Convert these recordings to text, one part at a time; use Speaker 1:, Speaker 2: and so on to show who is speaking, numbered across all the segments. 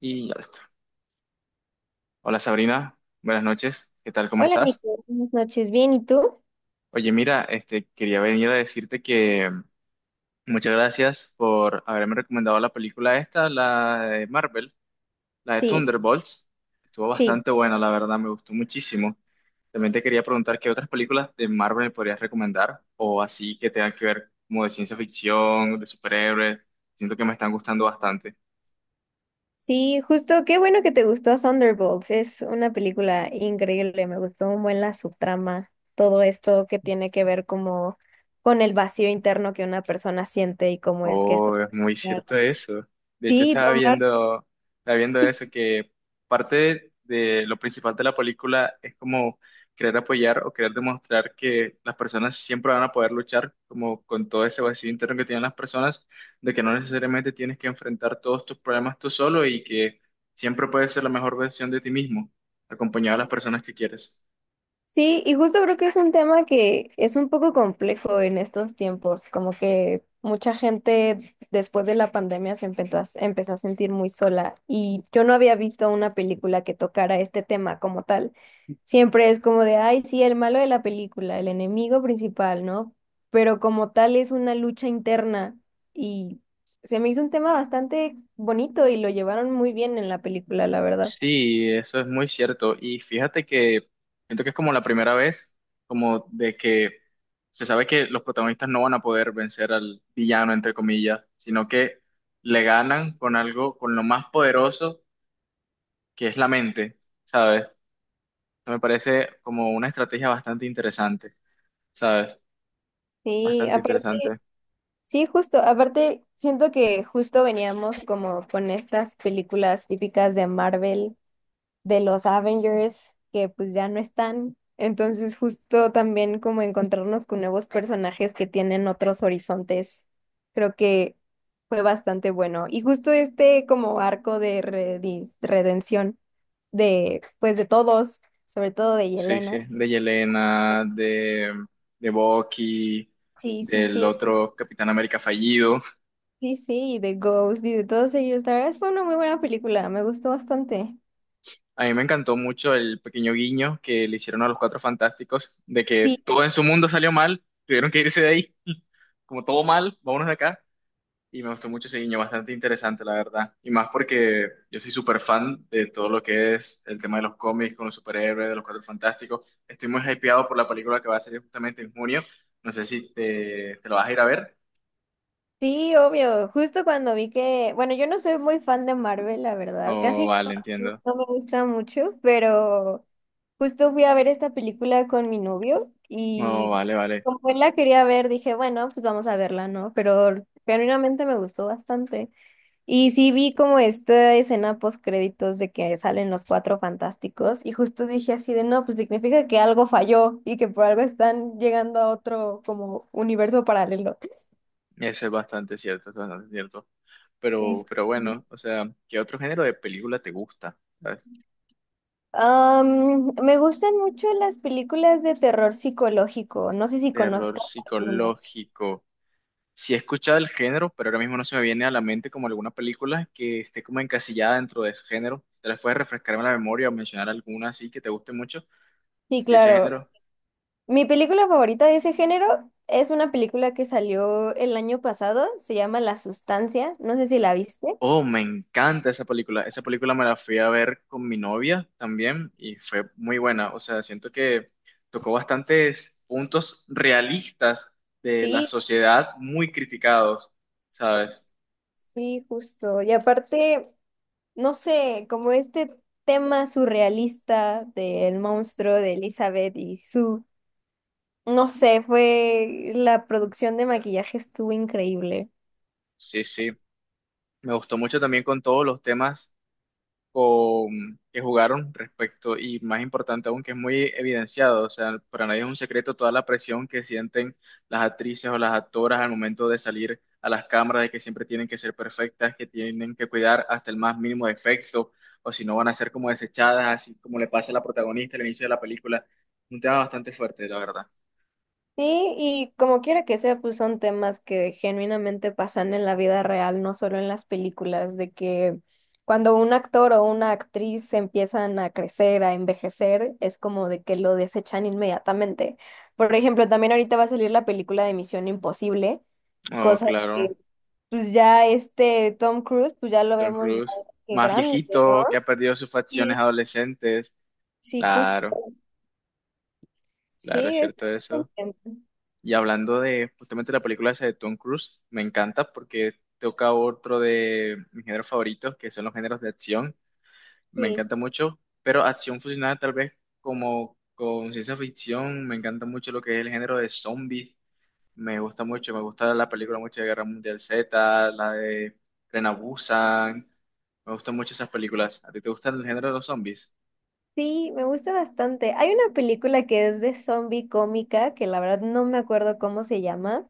Speaker 1: Y ya listo. Hola Sabrina, buenas noches, ¿qué tal? ¿Cómo
Speaker 2: Hola
Speaker 1: estás?
Speaker 2: Nico, buenas noches. Bien, ¿y tú?
Speaker 1: Oye, mira, quería venir a decirte que muchas gracias por haberme recomendado la película esta, la de Marvel, la de
Speaker 2: Sí,
Speaker 1: Thunderbolts. Estuvo
Speaker 2: sí,
Speaker 1: bastante buena, la verdad, me gustó muchísimo. También te quería preguntar qué otras películas de Marvel me podrías recomendar o así que tengan que ver como de ciencia ficción, de superhéroes. Siento que me están gustando bastante.
Speaker 2: sí, justo, qué bueno que te gustó Thunderbolts. Es una película increíble, me gustó un buen la subtrama, todo esto que tiene que ver como con el vacío interno que una persona siente y cómo es que esto.
Speaker 1: Oh, es muy cierto eso. De hecho,
Speaker 2: Sí, tomar.
Speaker 1: estaba viendo
Speaker 2: Sí.
Speaker 1: eso, que parte de lo principal de la película es como querer apoyar o querer demostrar que las personas siempre van a poder luchar como con todo ese vacío interno que tienen las personas, de que no necesariamente tienes que enfrentar todos tus problemas tú solo y que siempre puedes ser la mejor versión de ti mismo, acompañado de las personas que quieres.
Speaker 2: Sí, y justo creo que es un tema que es un poco complejo en estos tiempos, como que mucha gente después de la pandemia se empezó a, empezó a sentir muy sola y yo no había visto una película que tocara este tema como tal. Siempre es como de, ay, sí, el malo de la película, el enemigo principal, ¿no? Pero como tal es una lucha interna y se me hizo un tema bastante bonito y lo llevaron muy bien en la película, la verdad.
Speaker 1: Sí, eso es muy cierto. Y fíjate que siento que es como la primera vez, como de que se sabe que los protagonistas no van a poder vencer al villano, entre comillas, sino que le ganan con algo, con lo más poderoso que es la mente, ¿sabes? Eso me parece como una estrategia bastante interesante, ¿sabes?
Speaker 2: Sí,
Speaker 1: Bastante
Speaker 2: aparte.
Speaker 1: interesante.
Speaker 2: Sí, justo. Aparte, siento que justo veníamos como con estas películas típicas de Marvel, de los Avengers, que pues ya no están. Entonces, justo también como encontrarnos con nuevos personajes que tienen otros horizontes, creo que fue bastante bueno. Y justo este como arco de redención de, pues de todos, sobre todo de
Speaker 1: Sí,
Speaker 2: Yelena.
Speaker 1: sí, de Yelena, de Bucky,
Speaker 2: Sí, sí,
Speaker 1: del
Speaker 2: sí.
Speaker 1: otro Capitán América fallido.
Speaker 2: Sí, sí, y de Ghost y de todos ellos. La verdad es que fue una muy buena película, me gustó bastante.
Speaker 1: A mí me encantó mucho el pequeño guiño que le hicieron a los Cuatro Fantásticos, de que
Speaker 2: Sí.
Speaker 1: todo en su mundo salió mal, tuvieron que irse de ahí, como todo mal, vámonos de acá. Y me gustó mucho ese guiño, bastante interesante, la verdad. Y más porque yo soy súper fan de todo lo que es el tema de los cómics con los superhéroes, de los Cuatro Fantásticos. Estoy muy hypeado por la película que va a salir justamente en junio. No sé si te lo vas a ir a ver.
Speaker 2: Sí, obvio. Justo cuando vi que, bueno, yo no soy muy fan de Marvel, la verdad,
Speaker 1: Oh,
Speaker 2: casi no,
Speaker 1: vale,
Speaker 2: no
Speaker 1: entiendo.
Speaker 2: no me gusta mucho, pero justo fui a ver esta película con mi novio
Speaker 1: Oh,
Speaker 2: y
Speaker 1: vale, vale.
Speaker 2: como él la quería ver, dije, bueno, pues vamos a verla, ¿no? Pero genuinamente me gustó bastante. Y sí vi como esta escena post créditos de que salen los cuatro fantásticos y justo dije así de no, pues significa que algo falló y que por algo están llegando a otro como universo paralelo.
Speaker 1: Eso es bastante cierto, es bastante cierto.
Speaker 2: Y sí.
Speaker 1: Pero
Speaker 2: Sí.
Speaker 1: bueno, o sea, ¿qué otro género de película te gusta? ¿Sabes?
Speaker 2: Me gustan mucho las películas de terror psicológico, no sé si
Speaker 1: Terror
Speaker 2: conozcas alguna.
Speaker 1: psicológico. Sí he escuchado el género, pero ahora mismo no se me viene a la mente como alguna película que esté como encasillada dentro de ese género. ¿Te las puedes refrescar en la memoria o mencionar alguna así que te guste mucho
Speaker 2: Sí,
Speaker 1: de ese
Speaker 2: claro.
Speaker 1: género?
Speaker 2: Mi película favorita de ese género es una película que salió el año pasado, se llama La Sustancia, no sé si la viste.
Speaker 1: Oh, me encanta esa película. Esa película me la fui a ver con mi novia también y fue muy buena. O sea, siento que tocó bastantes puntos realistas de la
Speaker 2: Sí,
Speaker 1: sociedad muy criticados, ¿sabes?
Speaker 2: sí, justo. Y aparte, no sé, como este tema surrealista del monstruo de Elizabeth y su, no sé, fue la producción de maquillaje estuvo increíble.
Speaker 1: Sí, sí. Me gustó mucho también con todos los temas, con, que jugaron respecto, y más importante aún, que es muy evidenciado, o sea, para nadie es un secreto toda la presión que sienten las actrices o las actoras al momento de salir a las cámaras, de que siempre tienen que ser perfectas, que tienen que cuidar hasta el más mínimo defecto, o si no van a ser como desechadas, así como le pasa a la protagonista al inicio de la película. Un tema bastante fuerte, la verdad.
Speaker 2: Sí, y como quiera que sea, pues son temas que genuinamente pasan en la vida real, no solo en las películas, de que cuando un actor o una actriz empiezan a crecer, a envejecer, es como de que lo desechan inmediatamente. Por ejemplo, también ahorita va a salir la película de Misión Imposible,
Speaker 1: Oh,
Speaker 2: cosa
Speaker 1: claro,
Speaker 2: que pues ya este Tom Cruise, pues ya lo
Speaker 1: Tom
Speaker 2: vemos ya
Speaker 1: Cruise,
Speaker 2: que
Speaker 1: más
Speaker 2: grande, ¿no?
Speaker 1: viejito, que ha perdido sus facciones
Speaker 2: Sí,
Speaker 1: adolescentes.
Speaker 2: sí, justo.
Speaker 1: Claro, claro, es
Speaker 2: Sí, es
Speaker 1: cierto
Speaker 2: es
Speaker 1: eso.
Speaker 2: contento.
Speaker 1: Y hablando de justamente la película esa de Tom Cruise, me encanta porque toca otro de mis géneros favoritos, que son los géneros de acción. Me
Speaker 2: Sí,
Speaker 1: encanta mucho, pero acción fusionada tal vez como con ciencia ficción. Me encanta mucho lo que es el género de zombies. Me gusta mucho, me gusta la película mucho de Guerra Mundial Z, la de Tren A Busan. Me gustan mucho esas películas. ¿A ti te gustan el género de los zombies?
Speaker 2: sí, me gusta bastante. Hay una película que es de zombie cómica, que la verdad no me acuerdo cómo se llama.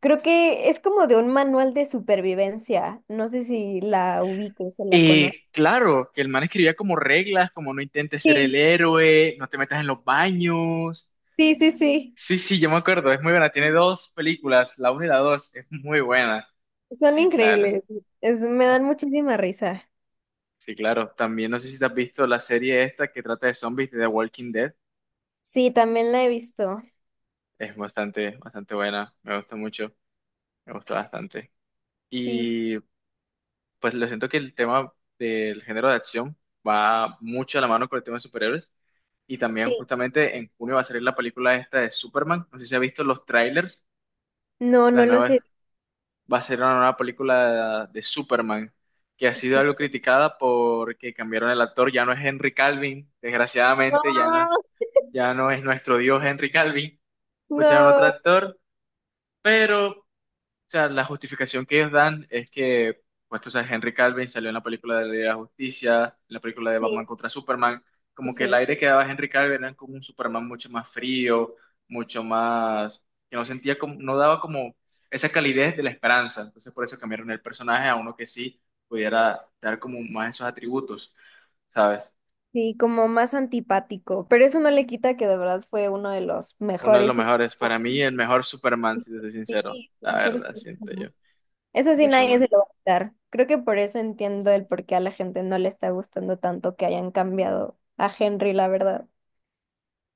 Speaker 2: Creo que es como de un manual de supervivencia. No sé si la ubiques o la conoces.
Speaker 1: Claro, que el man escribía como reglas, como no intentes ser el
Speaker 2: Sí,
Speaker 1: héroe, no te metas en los baños.
Speaker 2: sí, sí, sí.
Speaker 1: Sí, sí, yo me acuerdo, es muy buena. Tiene dos películas, la una y la dos, es muy buena.
Speaker 2: Son
Speaker 1: Sí, claro,
Speaker 2: increíbles. Es, me dan muchísima risa.
Speaker 1: sí, claro. También no sé si te has visto la serie esta que trata de zombies de The Walking Dead.
Speaker 2: Sí, también la he visto.
Speaker 1: Es bastante, bastante buena, me gusta mucho, me gusta bastante.
Speaker 2: Sí,
Speaker 1: Y pues lo siento que el tema del género de acción va mucho a la mano con el tema de superhéroes. Y también
Speaker 2: sí.
Speaker 1: justamente en junio va a salir la película esta de Superman. No sé si ha visto los trailers.
Speaker 2: No,
Speaker 1: La
Speaker 2: no lo sé.
Speaker 1: nueva va a ser una nueva película de Superman que ha
Speaker 2: Ok.
Speaker 1: sido algo criticada porque cambiaron el actor. Ya no es Henry Calvin, desgraciadamente ya no,
Speaker 2: No,
Speaker 1: ya no es nuestro dios Henry Calvin. Pusieron otro
Speaker 2: no,
Speaker 1: actor, pero, o sea, la justificación que ellos dan es que, pues tú sabes, Henry Calvin salió en la película de la Liga de la Justicia, en la película de
Speaker 2: sí,
Speaker 1: Batman contra Superman, como que el
Speaker 2: sí,
Speaker 1: aire que daba Henry Calvin era como un Superman mucho más frío, mucho más, que no sentía como, no daba como esa calidez de la esperanza. Entonces por eso cambiaron el personaje a uno que sí pudiera dar como más esos atributos, ¿sabes?
Speaker 2: sí, como más antipático, pero eso no le quita que de verdad fue uno de los
Speaker 1: Uno de los
Speaker 2: mejores.
Speaker 1: mejores, para mí el mejor Superman, si te soy
Speaker 2: Sí,
Speaker 1: sincero, la
Speaker 2: por eso,
Speaker 1: verdad, siento yo,
Speaker 2: eso sí
Speaker 1: mucho
Speaker 2: nadie
Speaker 1: más.
Speaker 2: se lo va a quitar. Creo que por eso entiendo el por qué a la gente no le está gustando tanto que hayan cambiado a Henry, la verdad.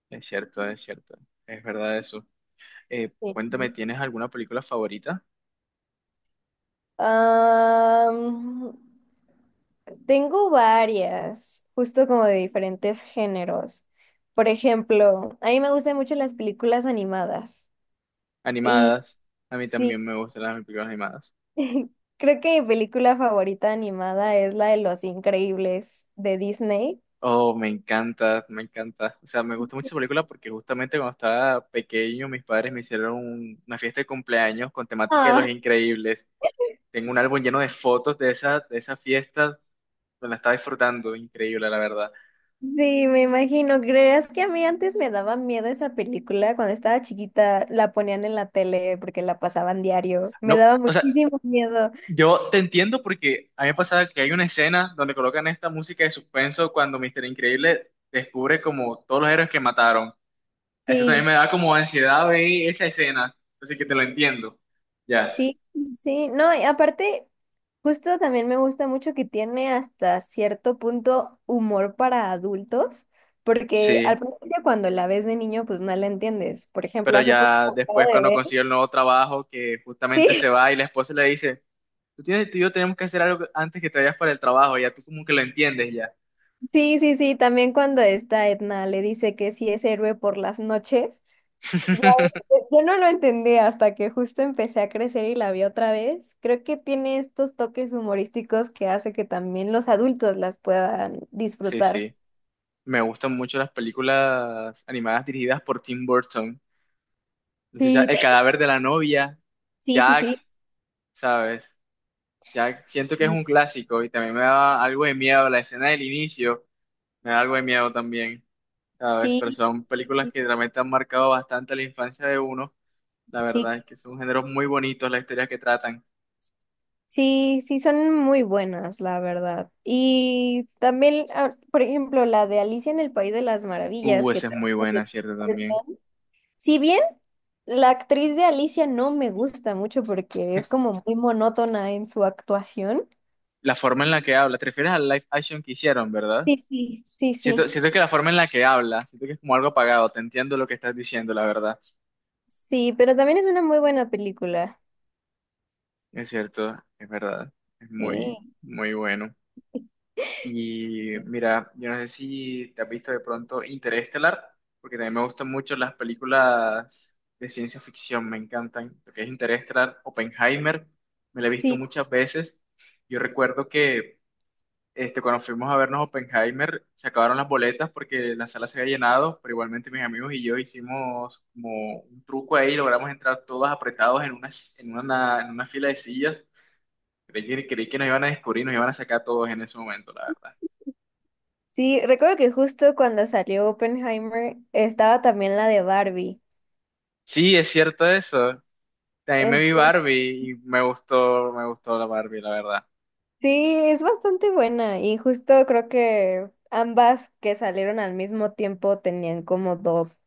Speaker 1: Es cierto, es cierto, es verdad eso. Cuéntame,
Speaker 2: Sí.
Speaker 1: ¿tienes alguna película favorita?
Speaker 2: Am, Tengo varias, justo como de diferentes géneros. Por ejemplo, a mí me gustan mucho las películas animadas. Y
Speaker 1: Animadas. A mí
Speaker 2: sí,
Speaker 1: también me gustan las películas animadas.
Speaker 2: creo que mi película favorita animada es la de Los Increíbles de Disney.
Speaker 1: Oh, me encanta, me encanta. O sea, me gusta mucho esa película porque justamente cuando estaba pequeño mis padres me hicieron una fiesta de cumpleaños con temática de
Speaker 2: Ah,
Speaker 1: Los Increíbles. Tengo un álbum lleno de fotos de esa fiesta. Me la estaba disfrutando, increíble, la verdad.
Speaker 2: sí, me imagino. ¿Creerás que a mí antes me daba miedo esa película? Cuando estaba chiquita la ponían en la tele porque la pasaban diario. Me
Speaker 1: No,
Speaker 2: daba
Speaker 1: o sea,
Speaker 2: muchísimo miedo.
Speaker 1: yo te entiendo porque a mí me pasaba que hay una escena donde colocan esta música de suspenso cuando Mister Increíble descubre como todos los héroes que mataron. Eso también
Speaker 2: Sí.
Speaker 1: me da como ansiedad ver esa escena, así que te lo entiendo. Ya,
Speaker 2: Sí, sí, no, y aparte, justo también me gusta mucho que tiene hasta cierto punto humor para adultos, porque
Speaker 1: sí,
Speaker 2: al principio cuando la ves de niño, pues no la entiendes. Por ejemplo,
Speaker 1: pero
Speaker 2: hace
Speaker 1: ya
Speaker 2: poco acabo
Speaker 1: después
Speaker 2: de
Speaker 1: cuando
Speaker 2: ver.
Speaker 1: consigue el nuevo trabajo, que justamente se
Speaker 2: Sí,
Speaker 1: va y la esposa le dice, tú tienes, tú y yo tenemos que hacer algo antes que te vayas para el trabajo, ya tú como que lo entiendes ya.
Speaker 2: sí, sí, sí, también cuando esta Edna le dice que sí es héroe por las noches. Ya, yo no lo entendí hasta que justo empecé a crecer y la vi otra vez. Creo que tiene estos toques humorísticos que hace que también los adultos las puedan
Speaker 1: Sí,
Speaker 2: disfrutar.
Speaker 1: sí, me gustan mucho las películas animadas dirigidas por Tim Burton. No sé,
Speaker 2: Sí.
Speaker 1: El cadáver de la novia,
Speaker 2: Sí, sí,
Speaker 1: Jack,
Speaker 2: sí.
Speaker 1: ¿sabes? Jack, siento que es
Speaker 2: y-
Speaker 1: un clásico y también me da algo de miedo la escena del inicio, me da algo de miedo también. ¿Sabes? Pero
Speaker 2: Sí,
Speaker 1: son películas
Speaker 2: sí,
Speaker 1: que realmente han marcado bastante la infancia de uno. La
Speaker 2: sí,
Speaker 1: verdad es que son géneros muy bonitos las historias que tratan.
Speaker 2: sí, sí, son muy buenas, la verdad. Y también, ah, por ejemplo, la de Alicia en el País de las Maravillas, que
Speaker 1: Esa es
Speaker 2: también
Speaker 1: muy
Speaker 2: es de
Speaker 1: buena,
Speaker 2: Tim
Speaker 1: ¿cierto? También.
Speaker 2: Burton. Si bien la actriz de Alicia no me gusta mucho porque es como muy monótona en su actuación.
Speaker 1: La forma en la que habla, te refieres al live action que hicieron, ¿verdad?
Speaker 2: Sí, sí, sí,
Speaker 1: Siento,
Speaker 2: sí.
Speaker 1: siento que la forma en la que habla, siento que es como algo apagado, te entiendo lo que estás diciendo, la verdad.
Speaker 2: Sí, pero también es una muy buena película.
Speaker 1: Es cierto, es verdad, es
Speaker 2: Sí.
Speaker 1: muy, muy bueno. Y mira, yo no sé si te has visto de pronto Interestelar, porque también me gustan mucho las películas de ciencia ficción, me encantan. Lo que es Interestelar, Oppenheimer, me la he visto
Speaker 2: Sí,
Speaker 1: muchas veces. Yo recuerdo que cuando fuimos a vernos Oppenheimer, se acabaron las boletas porque la sala se había llenado, pero igualmente mis amigos y yo hicimos como un truco ahí, logramos entrar todos apretados en una, en una, en una fila de sillas. Creí que nos iban a descubrir, nos iban a sacar a todos en ese momento, la verdad.
Speaker 2: sí, recuerdo que justo cuando salió Oppenheimer estaba también la de Barbie.
Speaker 1: Sí, es cierto eso. También me vi Barbie y me gustó la Barbie, la verdad.
Speaker 2: Sí, es bastante buena y justo creo que ambas que salieron al mismo tiempo tenían como dos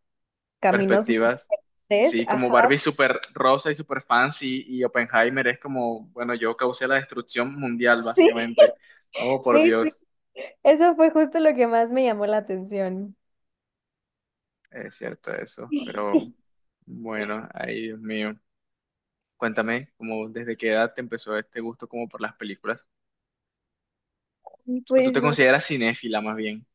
Speaker 2: caminos muy
Speaker 1: Perspectivas.
Speaker 2: diferentes.
Speaker 1: Sí, como
Speaker 2: Ajá,
Speaker 1: Barbie súper rosa y súper fancy y Oppenheimer es como, bueno, yo causé la destrucción mundial,
Speaker 2: sí,
Speaker 1: básicamente. Oh, por
Speaker 2: sí, sí.
Speaker 1: Dios.
Speaker 2: Eso fue justo lo que más me llamó la atención.
Speaker 1: Es cierto eso. Pero bueno, ay, Dios mío. Cuéntame, ¿como desde qué edad te empezó este gusto como por las películas? ¿O tú te
Speaker 2: Pues,
Speaker 1: consideras cinéfila más bien?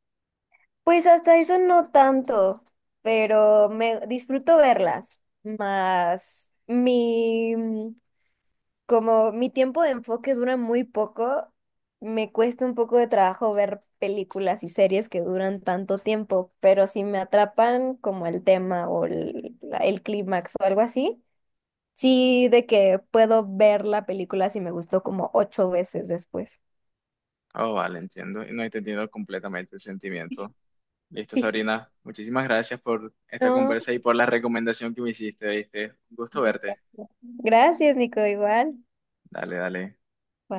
Speaker 2: pues hasta eso no tanto, pero me disfruto verlas. Más mi, como mi tiempo de enfoque dura muy poco, me cuesta un poco de trabajo ver películas y series que duran tanto tiempo, pero si me atrapan como el tema o el clímax o algo así, sí de que puedo ver la película si me gustó como 8 veces después.
Speaker 1: Oh, vale, entiendo. Y no he entendido completamente el sentimiento. Listo,
Speaker 2: Sí, sí. Sí.
Speaker 1: Sabrina. Muchísimas gracias por esta
Speaker 2: No.
Speaker 1: conversa y por la recomendación que me hiciste, ¿viste? Un gusto
Speaker 2: Sí,
Speaker 1: verte.
Speaker 2: gracias, Nico, igual.
Speaker 1: Dale, dale.
Speaker 2: Bye.